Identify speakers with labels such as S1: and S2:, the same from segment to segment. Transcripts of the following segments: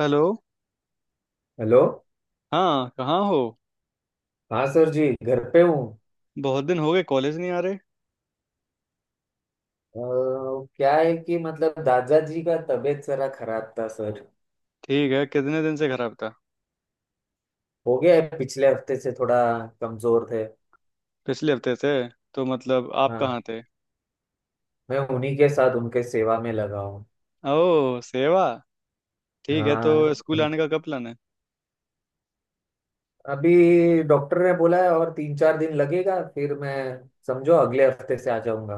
S1: Hello.
S2: Hello.
S1: हाँ, कहाँ हो?
S2: हाँ सर जी, घर पे हूँ।
S1: बहुत दिन हो गए, कॉलेज नहीं आ रहे।
S2: अ, क्या है कि मतलब दादाजी का तबीयत जरा खराब था सर।
S1: ठीक है, कितने दिन से खराब था?
S2: हो गया है पिछले हफ्ते से, थोड़ा कमजोर थे।
S1: पिछले हफ्ते से? तो मतलब आप
S2: हाँ,
S1: कहाँ थे?
S2: मैं उन्हीं के साथ उनके सेवा में लगा हूँ।
S1: ओह, सेवा। ठीक है, तो
S2: हाँ
S1: स्कूल
S2: उन-
S1: आने का कब प्लान है?
S2: अभी डॉक्टर ने बोला है और 3-4 दिन लगेगा, फिर मैं समझो अगले हफ्ते से आ जाऊंगा।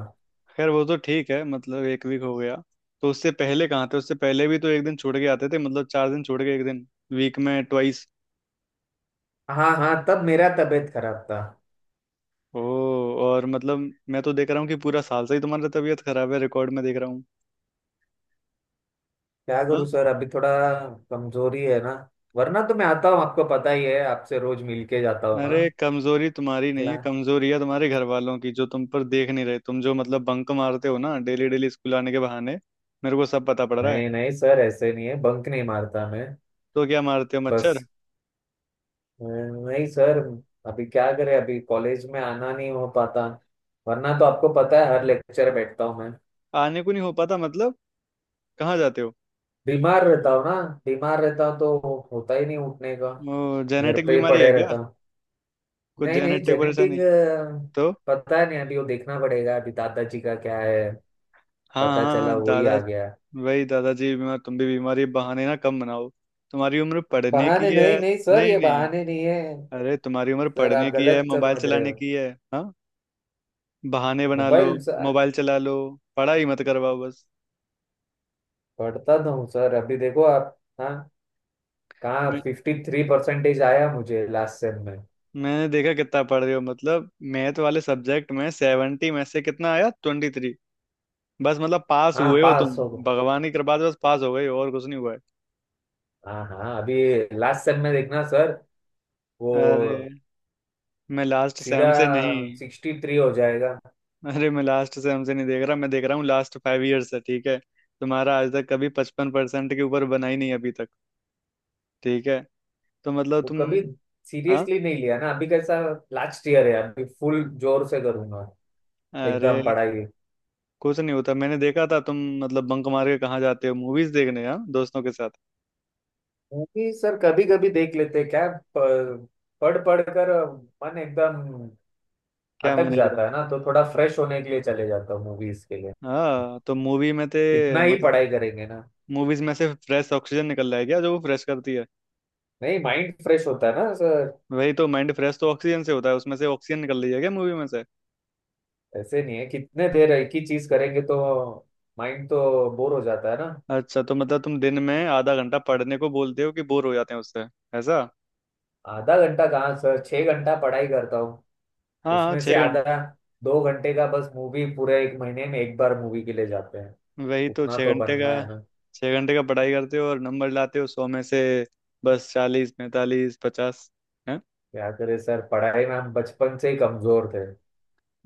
S1: खैर, वो तो ठीक है, मतलब 1 वीक हो गया। तो उससे पहले कहाँ थे? उससे पहले भी तो एक दिन छोड़ के आते थे, मतलब चार दिन छोड़ के एक दिन, वीक में ट्वाइस।
S2: हाँ हाँ, तब मेरा तबीयत खराब था।
S1: ओह, और मतलब मैं तो देख रहा हूँ कि पूरा साल से ही तुम्हारी तबीयत खराब है, रिकॉर्ड में देख रहा हूँ।
S2: क्या करूँ
S1: हाँ?
S2: सर, अभी थोड़ा कमजोरी है ना। वरना तो मैं आता हूँ, आपको पता ही है, आपसे रोज मिल के जाता
S1: अरे
S2: हूँ।
S1: कमजोरी तुम्हारी नहीं है,
S2: ना,
S1: कमजोरी है तुम्हारे घर वालों की जो तुम पर देख नहीं रहे। तुम जो मतलब बंक मारते हो ना डेली डेली स्कूल आने के बहाने, मेरे को सब पता पड़ रहा है।
S2: नहीं नहीं सर, ऐसे नहीं है, बंक नहीं मारता मैं।
S1: तो क्या मारते हो, मच्छर?
S2: बस नहीं सर, अभी क्या करें, अभी कॉलेज में आना नहीं हो पाता। वरना तो आपको पता है हर लेक्चर बैठता हूँ मैं।
S1: आने को नहीं हो पाता मतलब? कहाँ जाते हो?
S2: बीमार रहता हूँ ना, बीमार रहता हूँ तो होता ही नहीं उठने का।
S1: ओ,
S2: घर
S1: जेनेटिक
S2: पे ही
S1: बीमारी है
S2: पड़े
S1: क्या?
S2: रहता हूँ।
S1: कुछ
S2: नहीं नहीं
S1: जेनेटिक
S2: जेनेटिक।
S1: परेशानी? तो
S2: पता नहीं, अभी वो देखना पड़ेगा अभी दादाजी का क्या है,
S1: हाँ
S2: पता
S1: हाँ हाँ,
S2: चला वही
S1: दादा।
S2: आ गया।
S1: वही, दादाजी भी बीमार, तुम भी बीमारी बहाने ना कम बनाओ, तुम्हारी उम्र पढ़ने की
S2: बहाने नहीं,
S1: है।
S2: नहीं सर
S1: नहीं
S2: ये
S1: नहीं,
S2: बहाने नहीं है।
S1: अरे तुम्हारी उम्र
S2: सर
S1: पढ़ने
S2: आप
S1: की है,
S2: गलत
S1: मोबाइल
S2: समझ रहे
S1: चलाने
S2: हो।
S1: की है। हाँ, बहाने बना लो,
S2: मोबाइल।
S1: मोबाइल चला लो, पढ़ाई ही मत करवाओ बस।
S2: पढ़ता तो हूँ सर, अभी देखो आप, हाँ कहाँ
S1: मैं
S2: 53% आया मुझे लास्ट सेम में।
S1: मैंने देखा कितना पढ़ रहे हो, मतलब मैथ वाले सब्जेक्ट में 70 में से कितना आया, 23। बस मतलब पास
S2: हाँ,
S1: हुए हो तुम,
S2: पास हो गया।
S1: भगवान की कृपा से बस पास हो गए हो और कुछ नहीं हुआ है।
S2: हाँ हाँ, अभी लास्ट सेम में देखना सर,
S1: अरे
S2: वो
S1: मैं लास्ट
S2: सीधा
S1: सेम से नहीं
S2: 63 हो जाएगा।
S1: अरे, मैं लास्ट सेम से नहीं देख रहा, मैं देख रहा हूँ लास्ट 5 ईयर्स से। ठीक है, तुम्हारा आज तक कभी 55% के ऊपर बना ही नहीं अभी तक। ठीक है, तो मतलब
S2: वो
S1: तुम।
S2: कभी
S1: हाँ,
S2: सीरियसली नहीं लिया ना, अभी कैसा, लास्ट ईयर है, अभी फुल जोर से करूंगा एकदम
S1: अरे
S2: पढ़ाई।
S1: कुछ नहीं होता, मैंने देखा था, तुम मतलब बंक मार के कहाँ जाते हो, मूवीज देखने हाँ दोस्तों के साथ।
S2: मूवी सर कभी कभी देख लेते हैं। क्या प- पढ़ पढ़ कर मन एकदम
S1: क्या,
S2: अटक
S1: मैंने एकदम।
S2: जाता है ना, तो थोड़ा फ्रेश होने के लिए चले जाता हूँ मूवीज के लिए।
S1: हाँ तो मूवी में थे
S2: कितना ही
S1: मतलब?
S2: पढ़ाई करेंगे ना।
S1: मूवीज में से फ्रेश ऑक्सीजन निकल रहा है क्या जो वो फ्रेश करती है?
S2: नहीं, माइंड फ्रेश होता है ना सर।
S1: वही तो, माइंड फ्रेश तो ऑक्सीजन से होता है, उसमें से ऑक्सीजन निकल रही है क्या मूवी में से?
S2: ऐसे नहीं है, कितने देर एक ही चीज करेंगे तो माइंड तो बोर हो जाता है ना।
S1: अच्छा, तो मतलब तुम दिन में ½ घंटा पढ़ने को बोलते हो कि बोर हो जाते हैं उससे? ऐसा?
S2: आधा घंटा कहाँ सर, 6 घंटा पढ़ाई करता हूँ।
S1: हाँ हाँ,
S2: उसमें से
S1: 6 घंटे।
S2: आधा 2 घंटे का बस मूवी, पूरे एक महीने में एक बार मूवी के लिए जाते हैं।
S1: वही तो,
S2: उतना
S1: छः
S2: तो
S1: घंटे का।
S2: बनना है ना।
S1: 6 घंटे का पढ़ाई करते हो और नंबर लाते हो 100 में से बस 40, 45, 50, है।
S2: क्या करे सर, पढ़ाई में हम बचपन से ही कमजोर थे।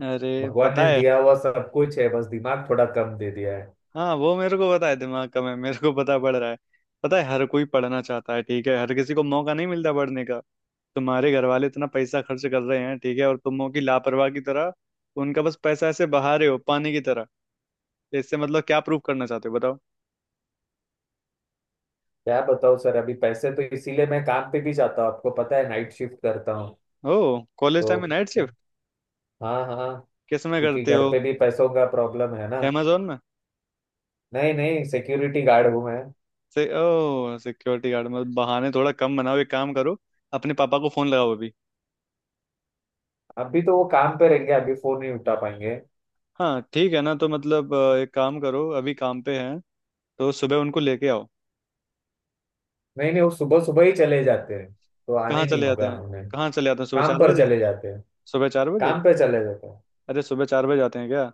S1: अरे
S2: भगवान
S1: पता
S2: ने
S1: है।
S2: दिया हुआ सब कुछ है, बस दिमाग थोड़ा कम दे दिया है।
S1: हाँ वो मेरे को पता है, दिमाग कम है मेरे को पता पड़ रहा है। पता है, हर कोई पढ़ना चाहता है, ठीक है, हर किसी को मौका नहीं मिलता पढ़ने का। तुम्हारे घर वाले इतना पैसा खर्च कर रहे हैं ठीक है, और तुम हो कि लापरवाह की तरह उनका बस पैसा ऐसे बहा रहे हो पानी की तरह। तो इससे मतलब क्या प्रूव करना चाहते हो, बताओ?
S2: क्या बताओ सर, अभी पैसे तो इसीलिए मैं काम पे भी जाता हूँ, आपको पता है नाइट शिफ्ट करता हूँ
S1: ओ कॉलेज टाइम में
S2: तो।
S1: Night shift?
S2: हाँ हाँ हाँ,
S1: किस में
S2: क्योंकि
S1: करते
S2: घर
S1: हो?
S2: पे भी पैसों का प्रॉब्लम है ना।
S1: अमेजोन में?
S2: नहीं नहीं, सिक्योरिटी गार्ड हूँ मैं।
S1: से ओ सिक्योरिटी गार्ड, मतलब बहाने थोड़ा कम बनाओ। एक काम करो, अपने पापा को फोन लगाओ अभी।
S2: अभी तो वो काम पे रहेंगे अभी, फोन नहीं उठा पाएंगे।
S1: हाँ ठीक है, ना तो मतलब एक काम करो, अभी काम पे हैं तो सुबह उनको लेके आओ।
S2: नहीं नहीं, वो सुबह सुबह ही चले जाते हैं, तो
S1: कहाँ
S2: आने नहीं
S1: चले जाते
S2: होगा
S1: हैं?
S2: हमें।
S1: कहाँ चले जाते हैं, सुबह
S2: काम
S1: चार
S2: पर
S1: बजे
S2: चले जाते हैं,
S1: सुबह चार बजे?
S2: काम पे चले जाते हैं।
S1: अरे सुबह 4 बजे जाते हैं क्या?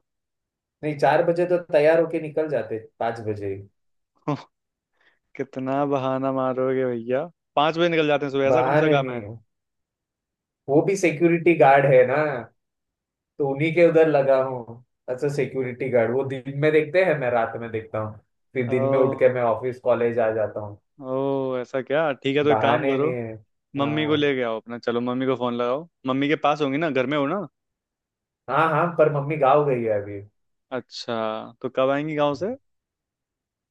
S2: नहीं, 4 बजे तो तैयार होके निकल जाते, 5 बजे ही।
S1: कितना बहाना मारोगे भैया, 5 बजे निकल जाते हैं सुबह, ऐसा कौन सा
S2: बहाने
S1: काम है?
S2: नहीं हो। वो भी सिक्योरिटी गार्ड है ना, तो उन्हीं के उधर लगा हूँ। अच्छा सिक्योरिटी गार्ड, वो दिन में देखते हैं, मैं रात में देखता हूँ, फिर दिन में उठ के
S1: ओ,
S2: मैं ऑफिस कॉलेज आ जाता हूँ।
S1: ओ ऐसा क्या? ठीक है, तो एक काम
S2: बहाने
S1: करो,
S2: नहीं है।
S1: मम्मी को
S2: हाँ
S1: ले के आओ अपना, चलो मम्मी को फोन लगाओ, मम्मी के पास होंगी ना, घर में हो ना।
S2: हाँ, हाँ पर मम्मी गाँव गई है अभी।
S1: अच्छा, तो कब आएंगी गाँव से?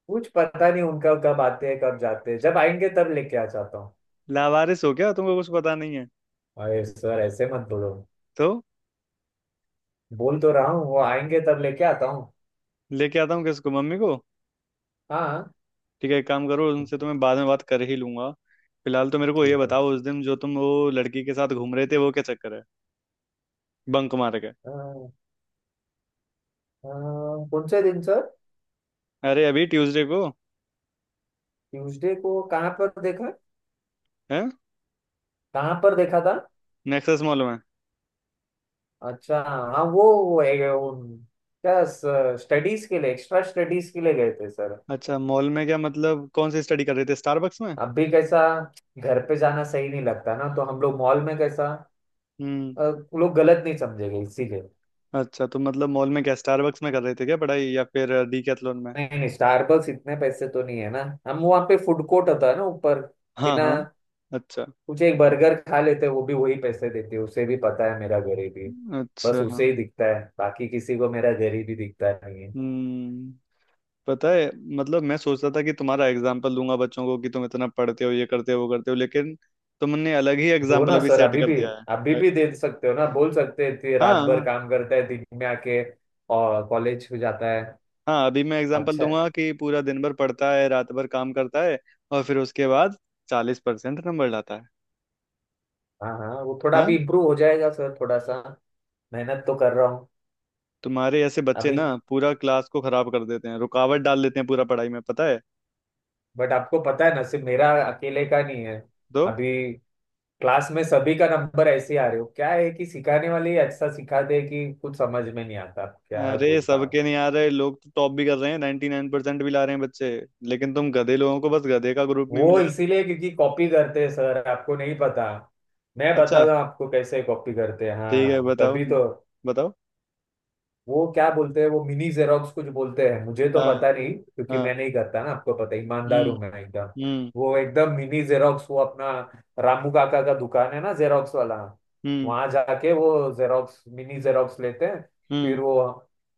S2: कुछ पता नहीं उनका, कब आते हैं कब जाते हैं, जब आएंगे तब लेके आ जाता हूँ।
S1: लावारिस हो क्या, तुमको कुछ पता नहीं है?
S2: अरे सर ऐसे मत बोलो।
S1: तो
S2: बोल तो रहा हूँ वो आएंगे तब लेके आता हूँ।
S1: लेके आता हूँ किसको, मम्मी को?
S2: हाँ।
S1: ठीक है, एक काम करो, उनसे तो मैं बाद में बात कर ही लूंगा। फिलहाल तो मेरे को ये
S2: ठीक है।
S1: बताओ, उस दिन जो तुम वो लड़की के साथ घूम रहे थे वो क्या चक्कर है, बंक मार के?
S2: अ, अ, कौन से दिन सर?
S1: अरे अभी ट्यूसडे को,
S2: ट्यूसडे को कहाँ पर देखा?
S1: है,
S2: कहाँ पर देखा था?
S1: नेक्सस मॉल में।
S2: अच्छा हाँ वो, वो क्या, स्टडीज के लिए, एक्स्ट्रा स्टडीज के लिए गए थे सर।
S1: अच्छा मॉल में क्या, मतलब कौन सी स्टडी कर रहे थे, स्टारबक्स में?
S2: अब भी कैसा, घर पे जाना सही नहीं लगता ना, तो हम लोग मॉल में कैसा,
S1: हम्म।
S2: अ, लोग गलत नहीं समझेंगे इसीलिए।
S1: अच्छा, तो मतलब मॉल में क्या स्टारबक्स में कर रहे थे क्या पढ़ाई, या फिर डीकैथलॉन में?
S2: नहीं नहीं, स्टारबक्स इतने पैसे तो नहीं है ना। हम वहाँ पे फूड कोर्ट होता है ना ऊपर,
S1: हाँ
S2: बिना
S1: हाँ। अच्छा।
S2: कुछ एक बर्गर खा लेते हैं, वो भी वही पैसे देते हैं, उसे भी पता है मेरा गरीबी। बस
S1: अच्छा।
S2: उसे ही दिखता है, बाकी किसी को मेरा गरीबी दिखता नहीं है।
S1: हम्म, पता है। मतलब मैं सोचता था कि तुम्हारा एग्जाम्पल दूंगा बच्चों को कि तुम इतना पढ़ते हो, ये करते हो, वो करते हो, लेकिन तुमने अलग ही
S2: हो
S1: एग्जाम्पल
S2: ना
S1: अभी
S2: सर,
S1: सेट कर दिया।
S2: अभी
S1: है।
S2: भी दे सकते हो ना, बोल सकते हैं कि
S1: हाँ
S2: रात भर
S1: हाँ।
S2: काम करता है, दिन में आके और कॉलेज हो जाता है।
S1: हाँ अभी मैं एग्जांपल
S2: अच्छा है।
S1: दूंगा कि पूरा दिन भर पढ़ता है, रात भर काम करता है, और फिर उसके बाद 40% नंबर लाता है।
S2: हाँ हाँ, वो थोड़ा
S1: हाँ।
S2: भी इम्प्रूव हो जाएगा सर, थोड़ा सा मेहनत तो कर रहा हूँ।
S1: तुम्हारे ऐसे बच्चे
S2: अभी
S1: ना पूरा क्लास को खराब कर देते हैं, रुकावट डाल देते हैं पूरा पढ़ाई में, पता है?
S2: बट आपको पता है ना, सिर्फ मेरा अकेले का नहीं है,
S1: तो
S2: अभी क्लास में सभी का नंबर ऐसे ही आ रहे हो। क्या है कि सिखाने वाले अच्छा सिखाते हैं कि कुछ समझ में नहीं आता, क्या है
S1: अरे
S2: बोलता।
S1: सबके नहीं आ रहे, लोग तो टॉप भी कर रहे हैं, 99% भी ला रहे हैं बच्चे। लेकिन तुम गधे लोगों को बस गधे का ग्रुप में
S2: वो
S1: मिलेगा।
S2: इसीलिए क्योंकि कॉपी करते हैं सर, आपको नहीं पता। मैं
S1: अच्छा,
S2: बताता हूँ आपको कैसे कॉपी करते हैं,
S1: ठीक है
S2: हाँ
S1: बताओ,
S2: तभी तो।
S1: बताओ।
S2: वो क्या बोलते हैं, वो मिनी जेरोक्स कुछ बोलते हैं, मुझे तो
S1: हाँ।
S2: पता नहीं क्योंकि
S1: हाँ।
S2: मैं नहीं करता ना, आपको पता है, ईमानदार
S1: हम्म।
S2: हूं मैं एकदम।
S1: हम्म।
S2: वो एकदम मिनी जेरोक्स, वो अपना रामू काका का दुकान है ना जेरोक्स वाला,
S1: हम्म।
S2: वहां जाके वो जेरोक्स, मिनी जेरोक्स लेते हैं, फिर
S1: हम्म।
S2: वो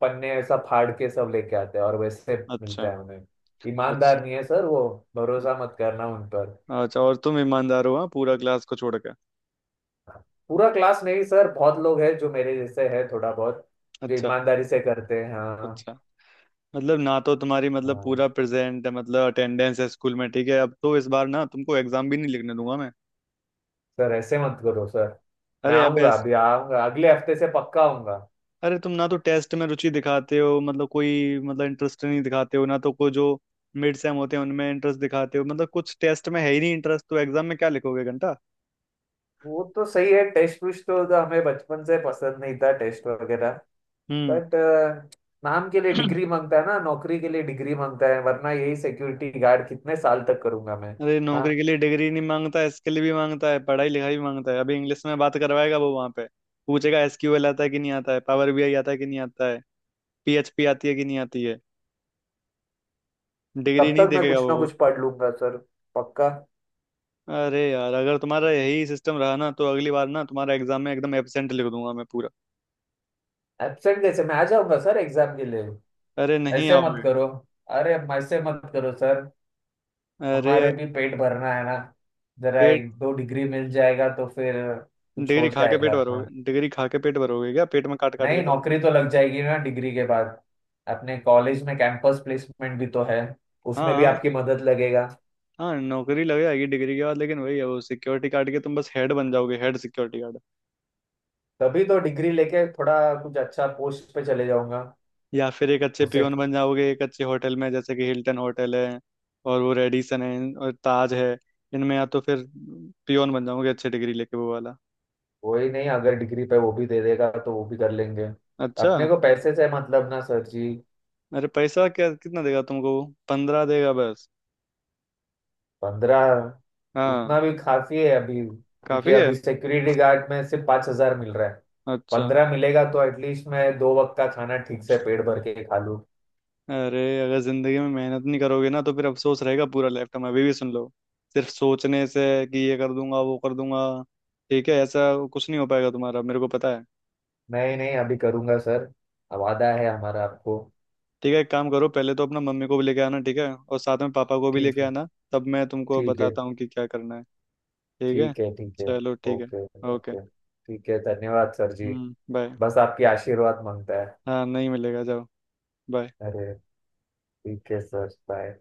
S2: पन्ने ऐसा फाड़ के सब लेके आते हैं और वैसे
S1: अच्छा।
S2: मिलता है उन्हें।
S1: अच्छा।
S2: ईमानदार नहीं है सर वो, भरोसा मत करना उन पर।
S1: अच्छा और तुम ईमानदार हो हाँ, पूरा क्लास को छोड़ के?
S2: पूरा क्लास नहीं सर, बहुत लोग हैं जो मेरे जैसे है थोड़ा बहुत, जो
S1: अच्छा।
S2: ईमानदारी से करते हैं, हाँ।
S1: अच्छा, मतलब ना तो तुम्हारी मतलब
S2: हाँ
S1: पूरा प्रेजेंट है मतलब अटेंडेंस है स्कूल में, ठीक है, अब तो इस बार ना तुमको एग्जाम भी नहीं लिखने दूंगा मैं।
S2: सर ऐसे मत करो सर, मैं
S1: अरे अब
S2: आऊंगा,
S1: ऐस
S2: अभी आऊंगा, अगले हफ्ते से पक्का आऊंगा।
S1: अरे तुम ना तो टेस्ट में रुचि दिखाते हो, मतलब कोई मतलब इंटरेस्ट नहीं दिखाते हो, ना तो कोई जो मिड सेम होते हैं उनमें इंटरेस्ट दिखाते हो, मतलब कुछ टेस्ट में है ही नहीं इंटरेस्ट, तो एग्जाम में क्या लिखोगे घंटा।
S2: वो तो सही है, टेस्ट तो हमें बचपन से पसंद नहीं था टेस्ट वगैरह।
S1: हम्म।
S2: बट नाम के लिए डिग्री मांगता है ना, नौकरी के लिए डिग्री मांगता है, वरना यही सिक्योरिटी गार्ड कितने साल तक करूंगा मैं।
S1: अरे
S2: हाँ
S1: नौकरी के लिए डिग्री नहीं मांगता, इसके लिए भी मांगता है, पढ़ाई लिखाई भी मांगता है। अभी इंग्लिश में बात करवाएगा वो वहां पे, पूछेगा एसक्यूएल आता है कि नहीं आता है, पावर बीआई आता है कि नहीं आता है, पीएचपी आती है कि नहीं आती है, डिग्री
S2: तब
S1: नहीं
S2: तक मैं
S1: देखेगा
S2: कुछ ना
S1: वो।
S2: कुछ पढ़ लूंगा सर, पक्का।
S1: अरे यार अगर तुम्हारा यही सिस्टम रहा ना तो अगली बार ना तुम्हारा एग्जाम में एकदम एब्सेंट लिख दूंगा मैं पूरा।
S2: एब्सेंट कैसे, मैं आ जाऊंगा सर एग्जाम के लिए।
S1: अरे नहीं
S2: ऐसे मत
S1: आओगे।
S2: करो। अरे ऐसे मत करो सर,
S1: अरे यार
S2: हमारे भी पेट भरना है ना, जरा
S1: पेट,
S2: एक दो डिग्री मिल जाएगा तो फिर कुछ हो
S1: डिग्री खा के पेट
S2: जाएगा अपना।
S1: भरोगे? डिग्री खा के पेट भरोगे क्या, पेट में काट काट के
S2: नहीं,
S1: डाल के?
S2: नौकरी तो लग जाएगी ना डिग्री के बाद, अपने कॉलेज में कैंपस प्लेसमेंट भी तो है, उसमें भी
S1: हाँ,
S2: आपकी मदद लगेगा।
S1: हाँ नौकरी लग जाएगी डिग्री के बाद, लेकिन वही है, वो सिक्योरिटी गार्ड के तुम बस हेड बन जाओगे, हेड सिक्योरिटी गार्ड।
S2: तभी तो डिग्री लेके थोड़ा कुछ अच्छा पोस्ट पे चले जाऊंगा।
S1: या फिर एक अच्छे
S2: उसे
S1: पियोन बन जाओगे एक अच्छे होटल में, जैसे कि हिल्टन होटल है, और वो रेडिसन है, और ताज है, इनमें या तो फिर पियोन बन जाओगे अच्छे, डिग्री लेके वो वाला।
S2: वही नहीं, अगर डिग्री पे वो भी दे देगा तो वो भी कर लेंगे, अपने
S1: अच्छा।
S2: को पैसे से मतलब ना सर जी।
S1: अरे पैसा क्या कितना देगा तुमको वो, 15 देगा बस।
S2: 15?
S1: हाँ।
S2: उतना भी काफी है अभी, क्योंकि
S1: काफी है।
S2: अभी सिक्योरिटी गार्ड में सिर्फ 5,000 मिल रहा है।
S1: अच्छा।
S2: पंद्रह मिलेगा तो एटलीस्ट मैं दो वक्त का खाना ठीक से पेट भर के खा लूं।
S1: अरे अगर जिंदगी में मेहनत नहीं करोगे ना तो फिर अफसोस रहेगा पूरा लाइफ टाइम, अभी भी सुन लो। सिर्फ सोचने से कि ये कर दूंगा वो कर दूंगा, ठीक है ऐसा कुछ नहीं हो पाएगा तुम्हारा, मेरे को पता है।
S2: नहीं नहीं अभी करूंगा सर, वादा है हमारा आपको।
S1: ठीक है, एक काम करो, पहले तो अपना मम्मी को भी लेके आना ठीक है, और साथ में पापा को भी
S2: ठीक
S1: लेके
S2: है।
S1: आना, तब मैं तुमको
S2: ठीक है
S1: बताता हूँ कि क्या करना है। ठीक है।
S2: ठीक है। ठीक है।
S1: चलो ठीक है।
S2: ओके।
S1: ओके।
S2: ओके ठीक है, धन्यवाद सर जी।
S1: हम्म, बाय।
S2: बस आपकी आशीर्वाद मांगता है।
S1: हाँ नहीं मिलेगा, जाओ। बाय।
S2: अरे ठीक है सर बाय।